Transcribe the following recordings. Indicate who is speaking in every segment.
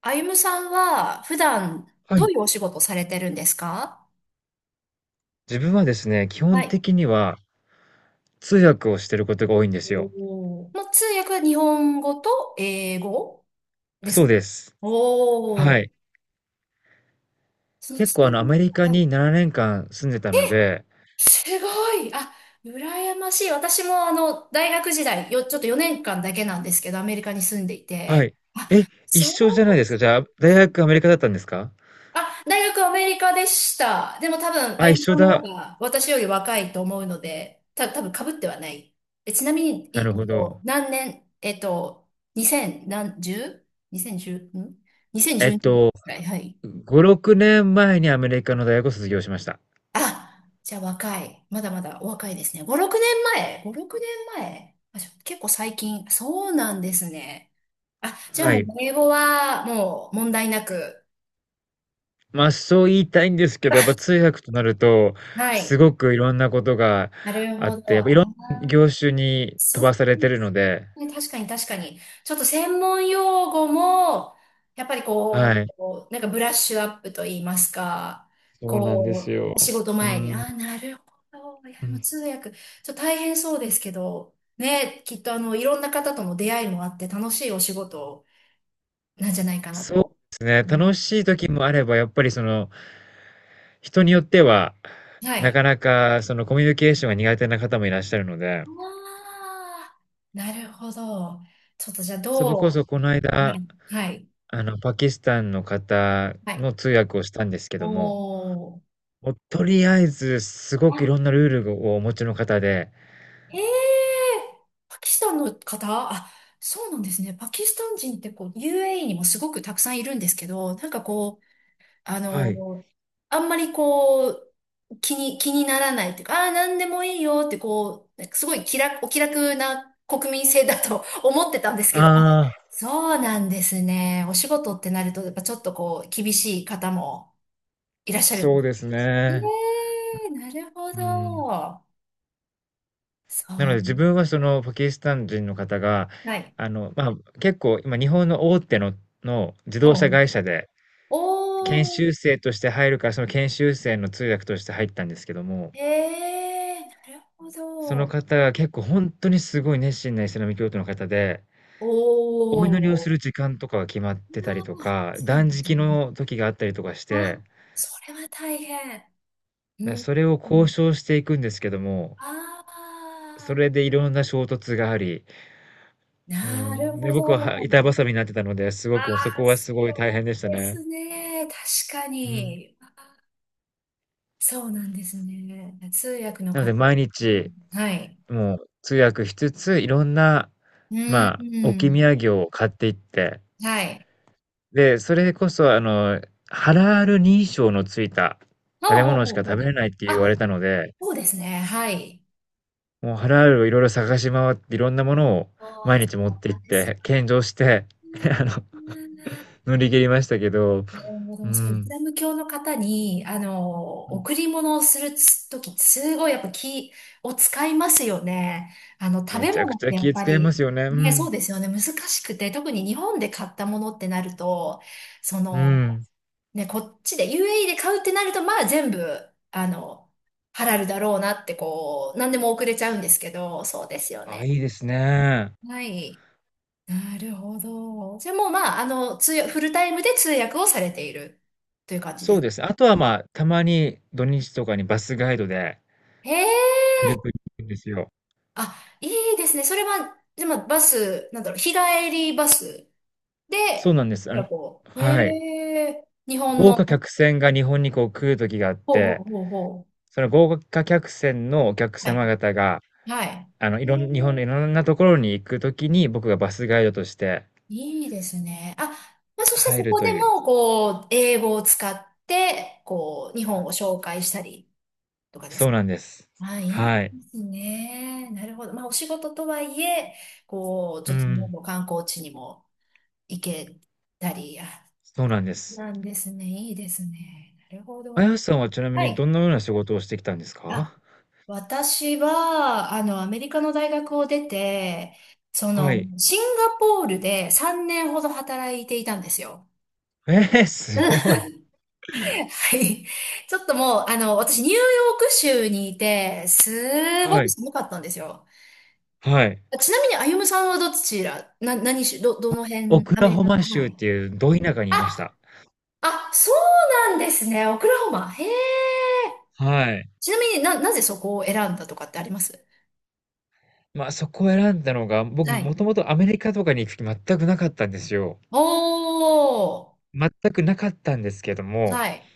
Speaker 1: あゆむさんは普段
Speaker 2: は
Speaker 1: どう
Speaker 2: い。
Speaker 1: いうお仕事されてるんですか？
Speaker 2: 自分はですね、基
Speaker 1: は
Speaker 2: 本
Speaker 1: い。
Speaker 2: 的には通訳をしてることが多いんです
Speaker 1: お
Speaker 2: よ。
Speaker 1: ー、も通訳は日本語と英語です
Speaker 2: そう
Speaker 1: か？
Speaker 2: です。
Speaker 1: お
Speaker 2: は
Speaker 1: ー。
Speaker 2: い。
Speaker 1: その
Speaker 2: 結
Speaker 1: 通
Speaker 2: 構アメリ
Speaker 1: 訳、
Speaker 2: カ
Speaker 1: はい。
Speaker 2: に7年間住んでたので、
Speaker 1: すごい。あ、羨ましい。私もあの、大学時代、ちょっと4年間だけなんですけど、アメリカに住んでい
Speaker 2: は
Speaker 1: て。
Speaker 2: い。え、一
Speaker 1: そう。
Speaker 2: 緒じゃないですか？じゃあ、大学アメリカだったんですか？
Speaker 1: あ、大学アメリカでした。でも多分、あ
Speaker 2: あ、
Speaker 1: ゆみ
Speaker 2: 一
Speaker 1: さ
Speaker 2: 緒
Speaker 1: んの方
Speaker 2: だ。
Speaker 1: が私より若いと思うので、多分被ってはない。え、ちなみに、
Speaker 2: な
Speaker 1: い
Speaker 2: る
Speaker 1: え
Speaker 2: ほ
Speaker 1: っ
Speaker 2: ど。
Speaker 1: と、何年、2 0何、1 0 2 0 1ん
Speaker 2: えっ
Speaker 1: ?2012 く
Speaker 2: と、
Speaker 1: らい、はい。
Speaker 2: 5、6年前にアメリカの大学を卒業しました。
Speaker 1: あ、じゃあ若い。まだまだお若いですね。5、6年前？ 5、6年前、あ、結構最近。そうなんですね。あ、じゃあ
Speaker 2: は
Speaker 1: もう
Speaker 2: い。
Speaker 1: 英語はもう問題なく。
Speaker 2: まあ、そう言いたいんですけど、やっぱ通訳となると、
Speaker 1: は
Speaker 2: す
Speaker 1: い。
Speaker 2: ごくいろんなことが
Speaker 1: なる
Speaker 2: あっ
Speaker 1: ほど。
Speaker 2: て、やっ
Speaker 1: あ
Speaker 2: ぱいろんな
Speaker 1: ー、
Speaker 2: 業種に飛
Speaker 1: そう。
Speaker 2: ばされてるので、
Speaker 1: ね、確かに確かに。ちょっと専門用語も、やっぱりこう、
Speaker 2: はい。
Speaker 1: こうなんかブラッシュアップと言いますか、
Speaker 2: そうなんで
Speaker 1: こ
Speaker 2: す
Speaker 1: う、
Speaker 2: よ。
Speaker 1: お仕事
Speaker 2: うー
Speaker 1: 前に、
Speaker 2: ん、
Speaker 1: ああ、なるほど。い
Speaker 2: う
Speaker 1: や、もう
Speaker 2: ん。
Speaker 1: 通訳、ちょっと大変そうですけど、ね、きっとあの、いろんな方との出会いもあって楽しいお仕事なんじゃないかな
Speaker 2: そうで
Speaker 1: と。
Speaker 2: すね、
Speaker 1: う
Speaker 2: 楽
Speaker 1: ん、
Speaker 2: しい時もあれば、やっぱりその、人によっては、
Speaker 1: は
Speaker 2: な
Speaker 1: い。
Speaker 2: かなかそのコミュニケーションが苦手な方もいらっしゃるので、
Speaker 1: ああ、なるほど。ちょっとじゃあ
Speaker 2: それこそこの
Speaker 1: は
Speaker 2: 間、
Speaker 1: い、はい、
Speaker 2: パキスタンの方
Speaker 1: はい。
Speaker 2: の通訳をしたんですけども、
Speaker 1: おー。
Speaker 2: もうとりあえずすごくいろんなルールをお持ちの方で、
Speaker 1: へえ、パキスタンの方、あ、そうなんですね。パキスタン人ってこう、UAE にもすごくたくさんいるんですけど、なんかこう、あ
Speaker 2: はい。
Speaker 1: の、あんまりこう、気にならないっていうか、ああなんでもいいよってこう、なんかすごい気楽、お気楽な国民性だと 思ってたんですけど、あ、
Speaker 2: あ
Speaker 1: そうなんですね。お仕事ってなると、やっぱちょっとこう、厳しい方もいらっし
Speaker 2: あ、
Speaker 1: ゃるんで
Speaker 2: そう
Speaker 1: す。
Speaker 2: です
Speaker 1: え
Speaker 2: ね。
Speaker 1: え、なるほ
Speaker 2: うん。
Speaker 1: ど。そ
Speaker 2: なので自
Speaker 1: う。
Speaker 2: 分はそのパキスタン人の方が、
Speaker 1: はい。
Speaker 2: 結構今日本の大手の、自動車
Speaker 1: もう、
Speaker 2: 会社で研
Speaker 1: お
Speaker 2: 修
Speaker 1: ー、
Speaker 2: 生として入るから、その研修生の通訳として入ったんですけども、
Speaker 1: ええ、なるほ
Speaker 2: その
Speaker 1: ど。
Speaker 2: 方が結構ほんとにすごい熱心なイスラム教徒の方で、
Speaker 1: お
Speaker 2: お祈りをす
Speaker 1: お。
Speaker 2: る時間とかが決まってたりと
Speaker 1: ああ、
Speaker 2: か、
Speaker 1: そうな
Speaker 2: 断
Speaker 1: んです
Speaker 2: 食
Speaker 1: ね。
Speaker 2: の時があったりとかし
Speaker 1: あ、
Speaker 2: て、
Speaker 1: それは大変。うん。
Speaker 2: それを
Speaker 1: う
Speaker 2: 交
Speaker 1: ん、
Speaker 2: 渉していくんですけども、
Speaker 1: あ
Speaker 2: それ
Speaker 1: あ、
Speaker 2: でいろんな衝突があり、う
Speaker 1: なる
Speaker 2: ん。で、
Speaker 1: ほ
Speaker 2: 僕は板
Speaker 1: ど。
Speaker 2: 挟みになってたので、すご
Speaker 1: あ
Speaker 2: く、そこ
Speaker 1: あ、
Speaker 2: は
Speaker 1: そ
Speaker 2: すごい大変でした
Speaker 1: うで
Speaker 2: ね。
Speaker 1: すね。確か
Speaker 2: うん。
Speaker 1: に。あ、そうなんですね。あ、それは大変。うん、うん、
Speaker 2: な
Speaker 1: あ
Speaker 2: の
Speaker 1: あ、なるほど。ああ、
Speaker 2: で
Speaker 1: そうですね。確かに、そうなんですね、通訳の
Speaker 2: 毎
Speaker 1: 方。
Speaker 2: 日、
Speaker 1: はい。
Speaker 2: もう通訳しつつ、いろんな、
Speaker 1: うん。
Speaker 2: まあ、
Speaker 1: う
Speaker 2: 置き土
Speaker 1: ん、
Speaker 2: 産を買っていって、
Speaker 1: はい。
Speaker 2: で、それこそハラール認証のついた食
Speaker 1: ほう
Speaker 2: べ
Speaker 1: ほう
Speaker 2: 物し
Speaker 1: ほう
Speaker 2: か食
Speaker 1: ほ
Speaker 2: べ
Speaker 1: う。
Speaker 2: れないって言わ
Speaker 1: あ、
Speaker 2: れたので、
Speaker 1: そうですね。はい。
Speaker 2: もうハラールをいろいろ探し回って、いろんなものを
Speaker 1: あ
Speaker 2: 毎
Speaker 1: あ、そ
Speaker 2: 日持っ
Speaker 1: う
Speaker 2: て
Speaker 1: な
Speaker 2: 行
Speaker 1: ん
Speaker 2: っ
Speaker 1: ですよ。
Speaker 2: て、献上して、
Speaker 1: な
Speaker 2: あの、
Speaker 1: る
Speaker 2: 乗り切りましたけど、
Speaker 1: ほ
Speaker 2: う
Speaker 1: ど、そう、イス
Speaker 2: ん。
Speaker 1: ラム教の方に、あの、
Speaker 2: うん。
Speaker 1: 贈り物をするとき、すごいやっぱ気を使いますよね。あの、食
Speaker 2: め
Speaker 1: べ
Speaker 2: ちゃく
Speaker 1: 物っ
Speaker 2: ち
Speaker 1: て
Speaker 2: ゃ
Speaker 1: やっ
Speaker 2: 気
Speaker 1: ぱ
Speaker 2: 遣いま
Speaker 1: り、
Speaker 2: すよね。う
Speaker 1: ね、そう
Speaker 2: ん。
Speaker 1: ですよね、難しくて、特に日本で買ったものってなると、そ
Speaker 2: う
Speaker 1: の、
Speaker 2: ん。
Speaker 1: ね、こっちで UAE で買うってなると、まあ全部、あの、ハラルだろうなって、こう、何でも送れちゃうんですけど、そうですよ
Speaker 2: あ、い
Speaker 1: ね。
Speaker 2: いですね。
Speaker 1: はい。なるほど。じゃあもう、まあ、あの、通訳、フルタイムで通訳をされているという感じで
Speaker 2: そう
Speaker 1: す？
Speaker 2: ですね、あとは、まあ、たまに土日とかにバスガイドで
Speaker 1: へえ、
Speaker 2: ヘルプに行くんですよ。
Speaker 1: あ、いいですね。それは、でもバス、なんだろう、日帰りバス
Speaker 2: そう
Speaker 1: で、
Speaker 2: なんです。
Speaker 1: なんかこう、
Speaker 2: はい。
Speaker 1: へえ、日本
Speaker 2: 豪
Speaker 1: の、
Speaker 2: 華客船が日本にこう来る時があっ
Speaker 1: ほうほ
Speaker 2: て、
Speaker 1: うほうほ
Speaker 2: その豪華客船のお客
Speaker 1: う。はい、
Speaker 2: 様方が、
Speaker 1: はい。
Speaker 2: あの、い
Speaker 1: へ
Speaker 2: ろん日本の
Speaker 1: え、
Speaker 2: いろんなところに行く時に、僕がバスガイドとして
Speaker 1: いいですね。あ、まあ、そして
Speaker 2: 入
Speaker 1: そ
Speaker 2: る
Speaker 1: こ
Speaker 2: と
Speaker 1: で
Speaker 2: いう。
Speaker 1: も、こう、英語を使って、こう、日本を紹介したりとかです
Speaker 2: そう
Speaker 1: か？
Speaker 2: なんです。
Speaker 1: あ、いい
Speaker 2: はい。
Speaker 1: ですね。なるほど。まあ、お仕事とはいえ、こう、
Speaker 2: う
Speaker 1: ちょっと
Speaker 2: ん、
Speaker 1: もう観光地にも行けたり、あ、
Speaker 2: そうなんです。
Speaker 1: なんですね。いいですね。なるほ
Speaker 2: あ
Speaker 1: ど。
Speaker 2: やさんはちなみ
Speaker 1: は
Speaker 2: にど
Speaker 1: い。
Speaker 2: んなような仕事をしてきたんです
Speaker 1: あ、
Speaker 2: か？
Speaker 1: 私は、あの、アメリカの大学を出て、そ
Speaker 2: は
Speaker 1: の、
Speaker 2: い。
Speaker 1: シンガポールで3年ほど働いていたんですよ。
Speaker 2: ええ、
Speaker 1: う
Speaker 2: す
Speaker 1: ん。
Speaker 2: ご い。
Speaker 1: はい。ちょっともう、あの、私、ニューヨーク州にいて、すご
Speaker 2: は
Speaker 1: く
Speaker 2: い。
Speaker 1: 寒かったんですよ。
Speaker 2: はい。
Speaker 1: あ、ちなみに、歩夢さんはどちら、な、何し、ど、どの
Speaker 2: オ
Speaker 1: 辺、
Speaker 2: ク
Speaker 1: ア
Speaker 2: ラ
Speaker 1: メリ
Speaker 2: ホ
Speaker 1: カの、
Speaker 2: マ
Speaker 1: は
Speaker 2: 州っ
Speaker 1: い。
Speaker 2: ていうど田舎にいました。
Speaker 1: あ、あ、そうなんですね。オクラホマ。へえ。
Speaker 2: はい。
Speaker 1: ちなみになぜそこを選んだとかってあります。
Speaker 2: まあ、そこを選んだのが、僕
Speaker 1: は
Speaker 2: も
Speaker 1: い。
Speaker 2: ともとアメリカとかに行く気全くなかったんですよ。
Speaker 1: おー。
Speaker 2: 全くなかったんですけども、
Speaker 1: はい。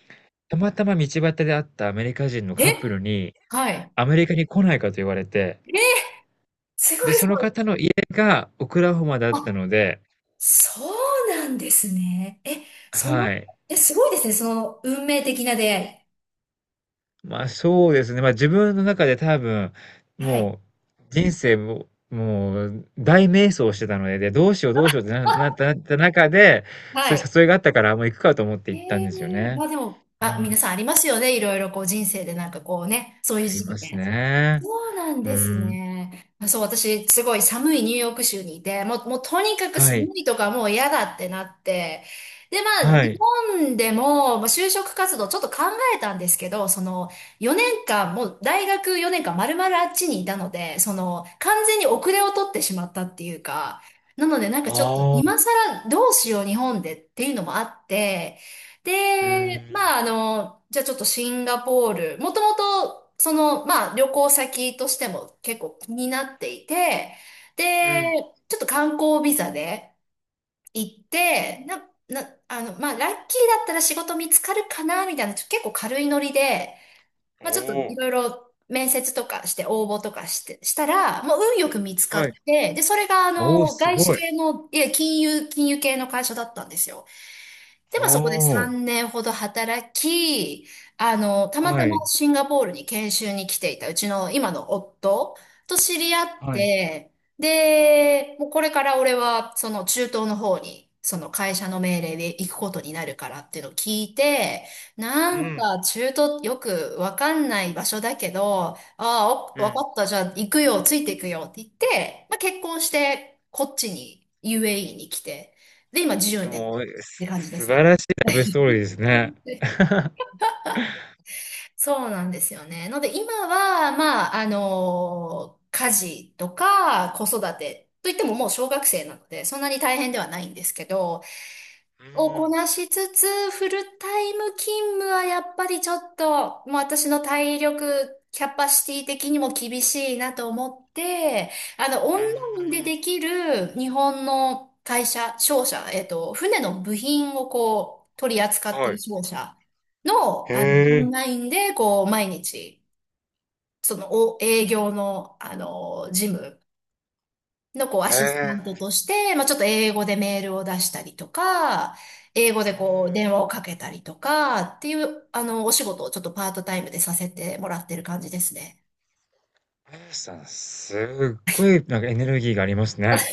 Speaker 2: たまたま道端で会ったアメリカ人のカップル
Speaker 1: え
Speaker 2: に、
Speaker 1: はい。
Speaker 2: アメリカに来ないかと言われて、
Speaker 1: ーすご
Speaker 2: で、
Speaker 1: い、そ
Speaker 2: その
Speaker 1: う。
Speaker 2: 方の家がオクラホマだった
Speaker 1: あ、
Speaker 2: ので、
Speaker 1: そうなんですね。え、その、
Speaker 2: はい。
Speaker 1: え、すごいですね。その、運命的な出会
Speaker 2: まあそうですね。まあ自分の中で多分、
Speaker 1: い。はい。
Speaker 2: もう人生も、もう大迷走してたので、で、どうしよう、どうしようってなった中で、そ
Speaker 1: は
Speaker 2: ういう
Speaker 1: い。
Speaker 2: 誘いがあったから、もう行くかと思って行ったん
Speaker 1: え
Speaker 2: ですよ
Speaker 1: え、
Speaker 2: ね。
Speaker 1: まあでも、
Speaker 2: う
Speaker 1: あ、
Speaker 2: ん。
Speaker 1: 皆さんありますよね。いろいろこう人生でなんかこうね、そういう
Speaker 2: あり
Speaker 1: 時期
Speaker 2: ます
Speaker 1: ね。
Speaker 2: ね。
Speaker 1: そうなん
Speaker 2: う
Speaker 1: です
Speaker 2: ん。
Speaker 1: ね。あ、そう、私、すごい寒いニューヨーク州にいて、もうとにかく
Speaker 2: は
Speaker 1: 寒
Speaker 2: い。
Speaker 1: いとかもう嫌だってなって。で、まあ、
Speaker 2: は
Speaker 1: 日
Speaker 2: い。
Speaker 1: 本でも、まあ、就職活動ちょっと考えたんですけど、その、4年間、もう大学4年間丸々あっちにいたので、その、完全に遅れを取ってしまったっていうか、なのでなんかちょっと
Speaker 2: ああ。
Speaker 1: 今更どうしよう日本でっていうのもあって、
Speaker 2: う
Speaker 1: で、
Speaker 2: ん。
Speaker 1: まあ、あの、じゃあちょっとシンガポール、もともと、その、まあ、旅行先としても結構気になっていて、
Speaker 2: う
Speaker 1: で、
Speaker 2: ん。
Speaker 1: ちょっと観光ビザで行って、あの、まあ、ラッキーだったら仕事見つかるかな、みたいな、結構軽いノリで、
Speaker 2: お
Speaker 1: まあ、ちょっとい
Speaker 2: お。
Speaker 1: ろいろ面接とかして応募とかして、したら、もう運よく見つか
Speaker 2: はい。
Speaker 1: って、で、それがあ
Speaker 2: おお、
Speaker 1: の、
Speaker 2: す
Speaker 1: 外資
Speaker 2: ごい。
Speaker 1: 系の、いや、金融系の会社だったんですよ。で、
Speaker 2: お
Speaker 1: まあそこで
Speaker 2: お。
Speaker 1: 3年ほど働き、あの、たま
Speaker 2: は
Speaker 1: たま
Speaker 2: い。
Speaker 1: シンガポールに研修に来ていたうちの今の夫と知り合っ
Speaker 2: はい。
Speaker 1: て、で、もうこれから俺はその中東の方に、その会社の命令で行くことになるからっていうのを聞いて、な
Speaker 2: う
Speaker 1: ん
Speaker 2: ん。
Speaker 1: か中東よくわかんない場所だけど、ああ、お
Speaker 2: う
Speaker 1: わか
Speaker 2: ん。
Speaker 1: った、じゃあ行くよ、ついていくよって言って、まあ結婚してこっちに UAE に来て、で、今10
Speaker 2: で
Speaker 1: 年。
Speaker 2: も、
Speaker 1: て感じで
Speaker 2: 素
Speaker 1: すね。
Speaker 2: 晴らしいラブストーリーですね。
Speaker 1: そうなんですよね。ので今は、まあ、あの家事とか子育てといってももう小学生なので、そんなに大変ではないんですけど、
Speaker 2: う
Speaker 1: をこ
Speaker 2: ん。
Speaker 1: なしつつ、フルタイム勤務はやっぱりちょっと、もう私の体力、キャパシティ的にも厳しいなと思って、あの、オン
Speaker 2: うー
Speaker 1: ラインで
Speaker 2: ん。
Speaker 1: できる日本の会社、商社、船の部品をこう、取り扱って
Speaker 2: は
Speaker 1: る
Speaker 2: い。
Speaker 1: 商社の、
Speaker 2: へ
Speaker 1: あの、オン
Speaker 2: え。
Speaker 1: ラインで、こう、毎日、その、営業の、あの、事務のこう
Speaker 2: へ
Speaker 1: アシスタントと
Speaker 2: え。
Speaker 1: して、まあ、ちょっと英語でメールを出したりとか、英語で
Speaker 2: う
Speaker 1: こう
Speaker 2: ん。
Speaker 1: 電話をかけたりとかっていう、あの、お仕事をちょっとパートタイムでさせてもらってる感じですね。
Speaker 2: あやさん、すっごい、なんかエネルギーがありますね。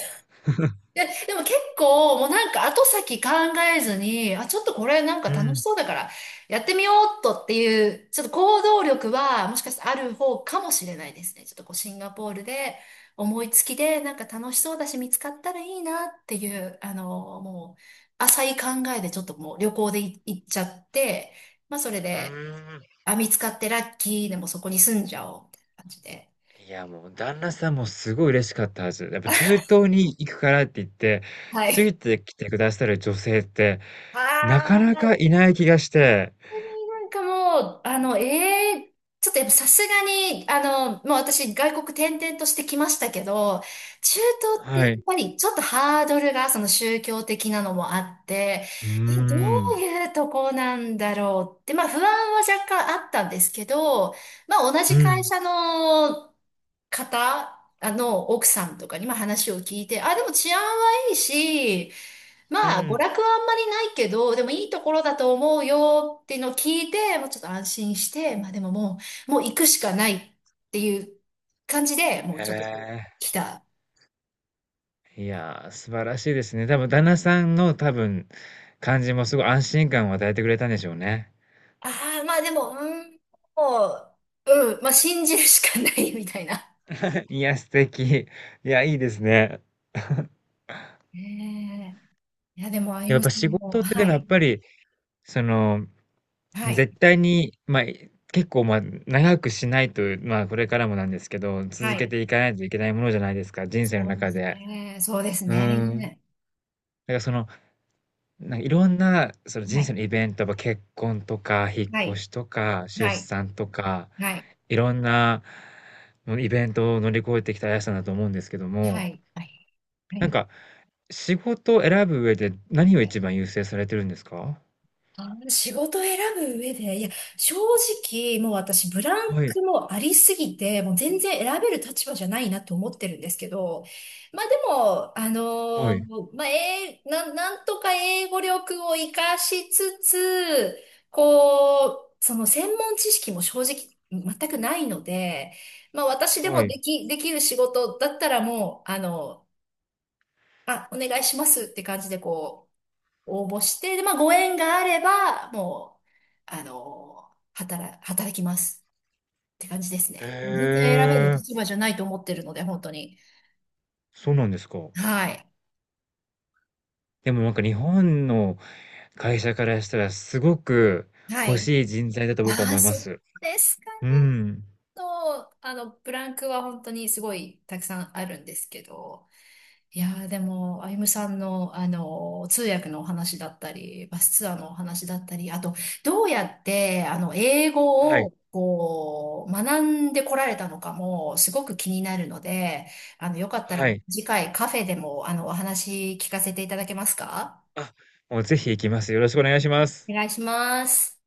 Speaker 1: でも結構、もうなんか後先考えずに、あ、ちょっとこれなんか
Speaker 2: う
Speaker 1: 楽し
Speaker 2: ん。
Speaker 1: そうだから、やってみようっとっていう、ちょっと行動力は、もしかしたらある方かもしれないですね。ちょっとこう、シンガポールで、思いつきで、なんか楽しそうだし、見つかったらいいなっていう、あの、もう、浅い考えでちょっともう旅行で行っちゃって、まあそれ
Speaker 2: う
Speaker 1: で、
Speaker 2: ーん。
Speaker 1: あ、見つかってラッキーでもそこに住んじゃおう、みたいな感じで。
Speaker 2: いや、もう、旦那さんもすごい嬉しかったはず。やっぱ、中東に行くからって言って、
Speaker 1: は
Speaker 2: つい
Speaker 1: い。
Speaker 2: てきてくださる女性って、なか
Speaker 1: あ
Speaker 2: なか
Speaker 1: あ。
Speaker 2: いない気がして。
Speaker 1: 当になんかもう、あの、ちょっとやっぱさすがに、あの、もう私外国転々としてきましたけど、中東ってや
Speaker 2: はい。
Speaker 1: っぱりちょっとハードルがその宗教的なのもあって、
Speaker 2: うー
Speaker 1: え、どう
Speaker 2: ん。
Speaker 1: いうとこなんだろうって、まあ不安は若干あったんですけど、まあ同
Speaker 2: う
Speaker 1: じ会
Speaker 2: ん。
Speaker 1: 社の方、あの、奥さんとかにも話を聞いて、あ、でも治安はいいし、
Speaker 2: う
Speaker 1: まあ、娯
Speaker 2: ん。
Speaker 1: 楽はあんまりないけど、でもいいところだと思うよっていうのを聞いて、もうちょっと安心して、まあでももう行くしかないっていう感じで、もう
Speaker 2: へ
Speaker 1: ちょっとこう、
Speaker 2: え。
Speaker 1: 来た。
Speaker 2: いやー、素晴らしいですね。多分、旦那さんの多分、感じもすごい安心感を与えてくれたんでしょうね。
Speaker 1: ああ、まあでも、うん、もう、うん、まあ信じるしかないみたいな。
Speaker 2: いや、素敵。いや、いいですね。
Speaker 1: ねえ、いや、でも、あゆ
Speaker 2: やっ
Speaker 1: む
Speaker 2: ぱ
Speaker 1: さん
Speaker 2: 仕
Speaker 1: も、
Speaker 2: 事ってで
Speaker 1: は
Speaker 2: もやっ
Speaker 1: い、
Speaker 2: ぱり、その、
Speaker 1: は
Speaker 2: 絶
Speaker 1: い、
Speaker 2: 対に、まあ、結構まあ、長くしないと、まあ、これからもなんですけど、
Speaker 1: は
Speaker 2: 続け
Speaker 1: い。
Speaker 2: ていかないといけないものじゃないですか、人生の
Speaker 1: そうで
Speaker 2: 中
Speaker 1: す
Speaker 2: で。
Speaker 1: ね。そうです
Speaker 2: うーん。だか
Speaker 1: ね。
Speaker 2: らその、なんかいろんな、その
Speaker 1: は
Speaker 2: 人生
Speaker 1: い、
Speaker 2: のイベント、やっぱ結婚とか、引っ
Speaker 1: は
Speaker 2: 越
Speaker 1: い。
Speaker 2: しとか、出
Speaker 1: はい、
Speaker 2: 産とか、
Speaker 1: はい、
Speaker 2: いろんな、もうイベントを乗り越えてきたあやさんだと思うんですけど
Speaker 1: は
Speaker 2: も、
Speaker 1: い、はい。は
Speaker 2: なん
Speaker 1: い。
Speaker 2: か、仕事を選ぶ上で何を
Speaker 1: はい、
Speaker 2: 一番優先されてるんですか？
Speaker 1: 仕事を選ぶ上で、いや、正直、もう私、ブラン
Speaker 2: はい、
Speaker 1: クもありすぎて、もう全然選べる立場じゃないなと思ってるんですけど、まあでも、
Speaker 2: はい、
Speaker 1: まあ、なんとか英語力を活かしつつ、こう、その専門知識も正直、全くないので、まあ私で
Speaker 2: は
Speaker 1: も
Speaker 2: い。
Speaker 1: できる仕事だったらもう、あの、あ、お願いしますって感じでこう、応募して、で、まあ、ご縁があれば、もう、あの、働きますって感じです
Speaker 2: へ
Speaker 1: ね。もう全然選べる
Speaker 2: え、
Speaker 1: 立場じゃないと思ってるので、本当に。
Speaker 2: そうなんですか。
Speaker 1: はい。
Speaker 2: でもなんか日本の会社からしたらすごく
Speaker 1: は
Speaker 2: 欲
Speaker 1: い。
Speaker 2: しい人材だと僕は
Speaker 1: あ
Speaker 2: 思
Speaker 1: あ、
Speaker 2: いま
Speaker 1: そう
Speaker 2: す。
Speaker 1: ですか？
Speaker 2: うーん。
Speaker 1: と、あの、ブランクは本当にすごいたくさんあるんですけど、いやーでも、あゆむさんの、あの、通訳のお話だったり、バスツアーのお話だったり、あと、どうやって、あの、英
Speaker 2: は
Speaker 1: 語
Speaker 2: い、
Speaker 1: を、こう、学んでこられたのかも、すごく気になるので、あの、よかったら、
Speaker 2: はい。
Speaker 1: 次回カフェでも、あの、お話聞かせていただけますか？
Speaker 2: あ、もうぜひ行きます。よろしくお願いしま
Speaker 1: お
Speaker 2: す。
Speaker 1: 願いします。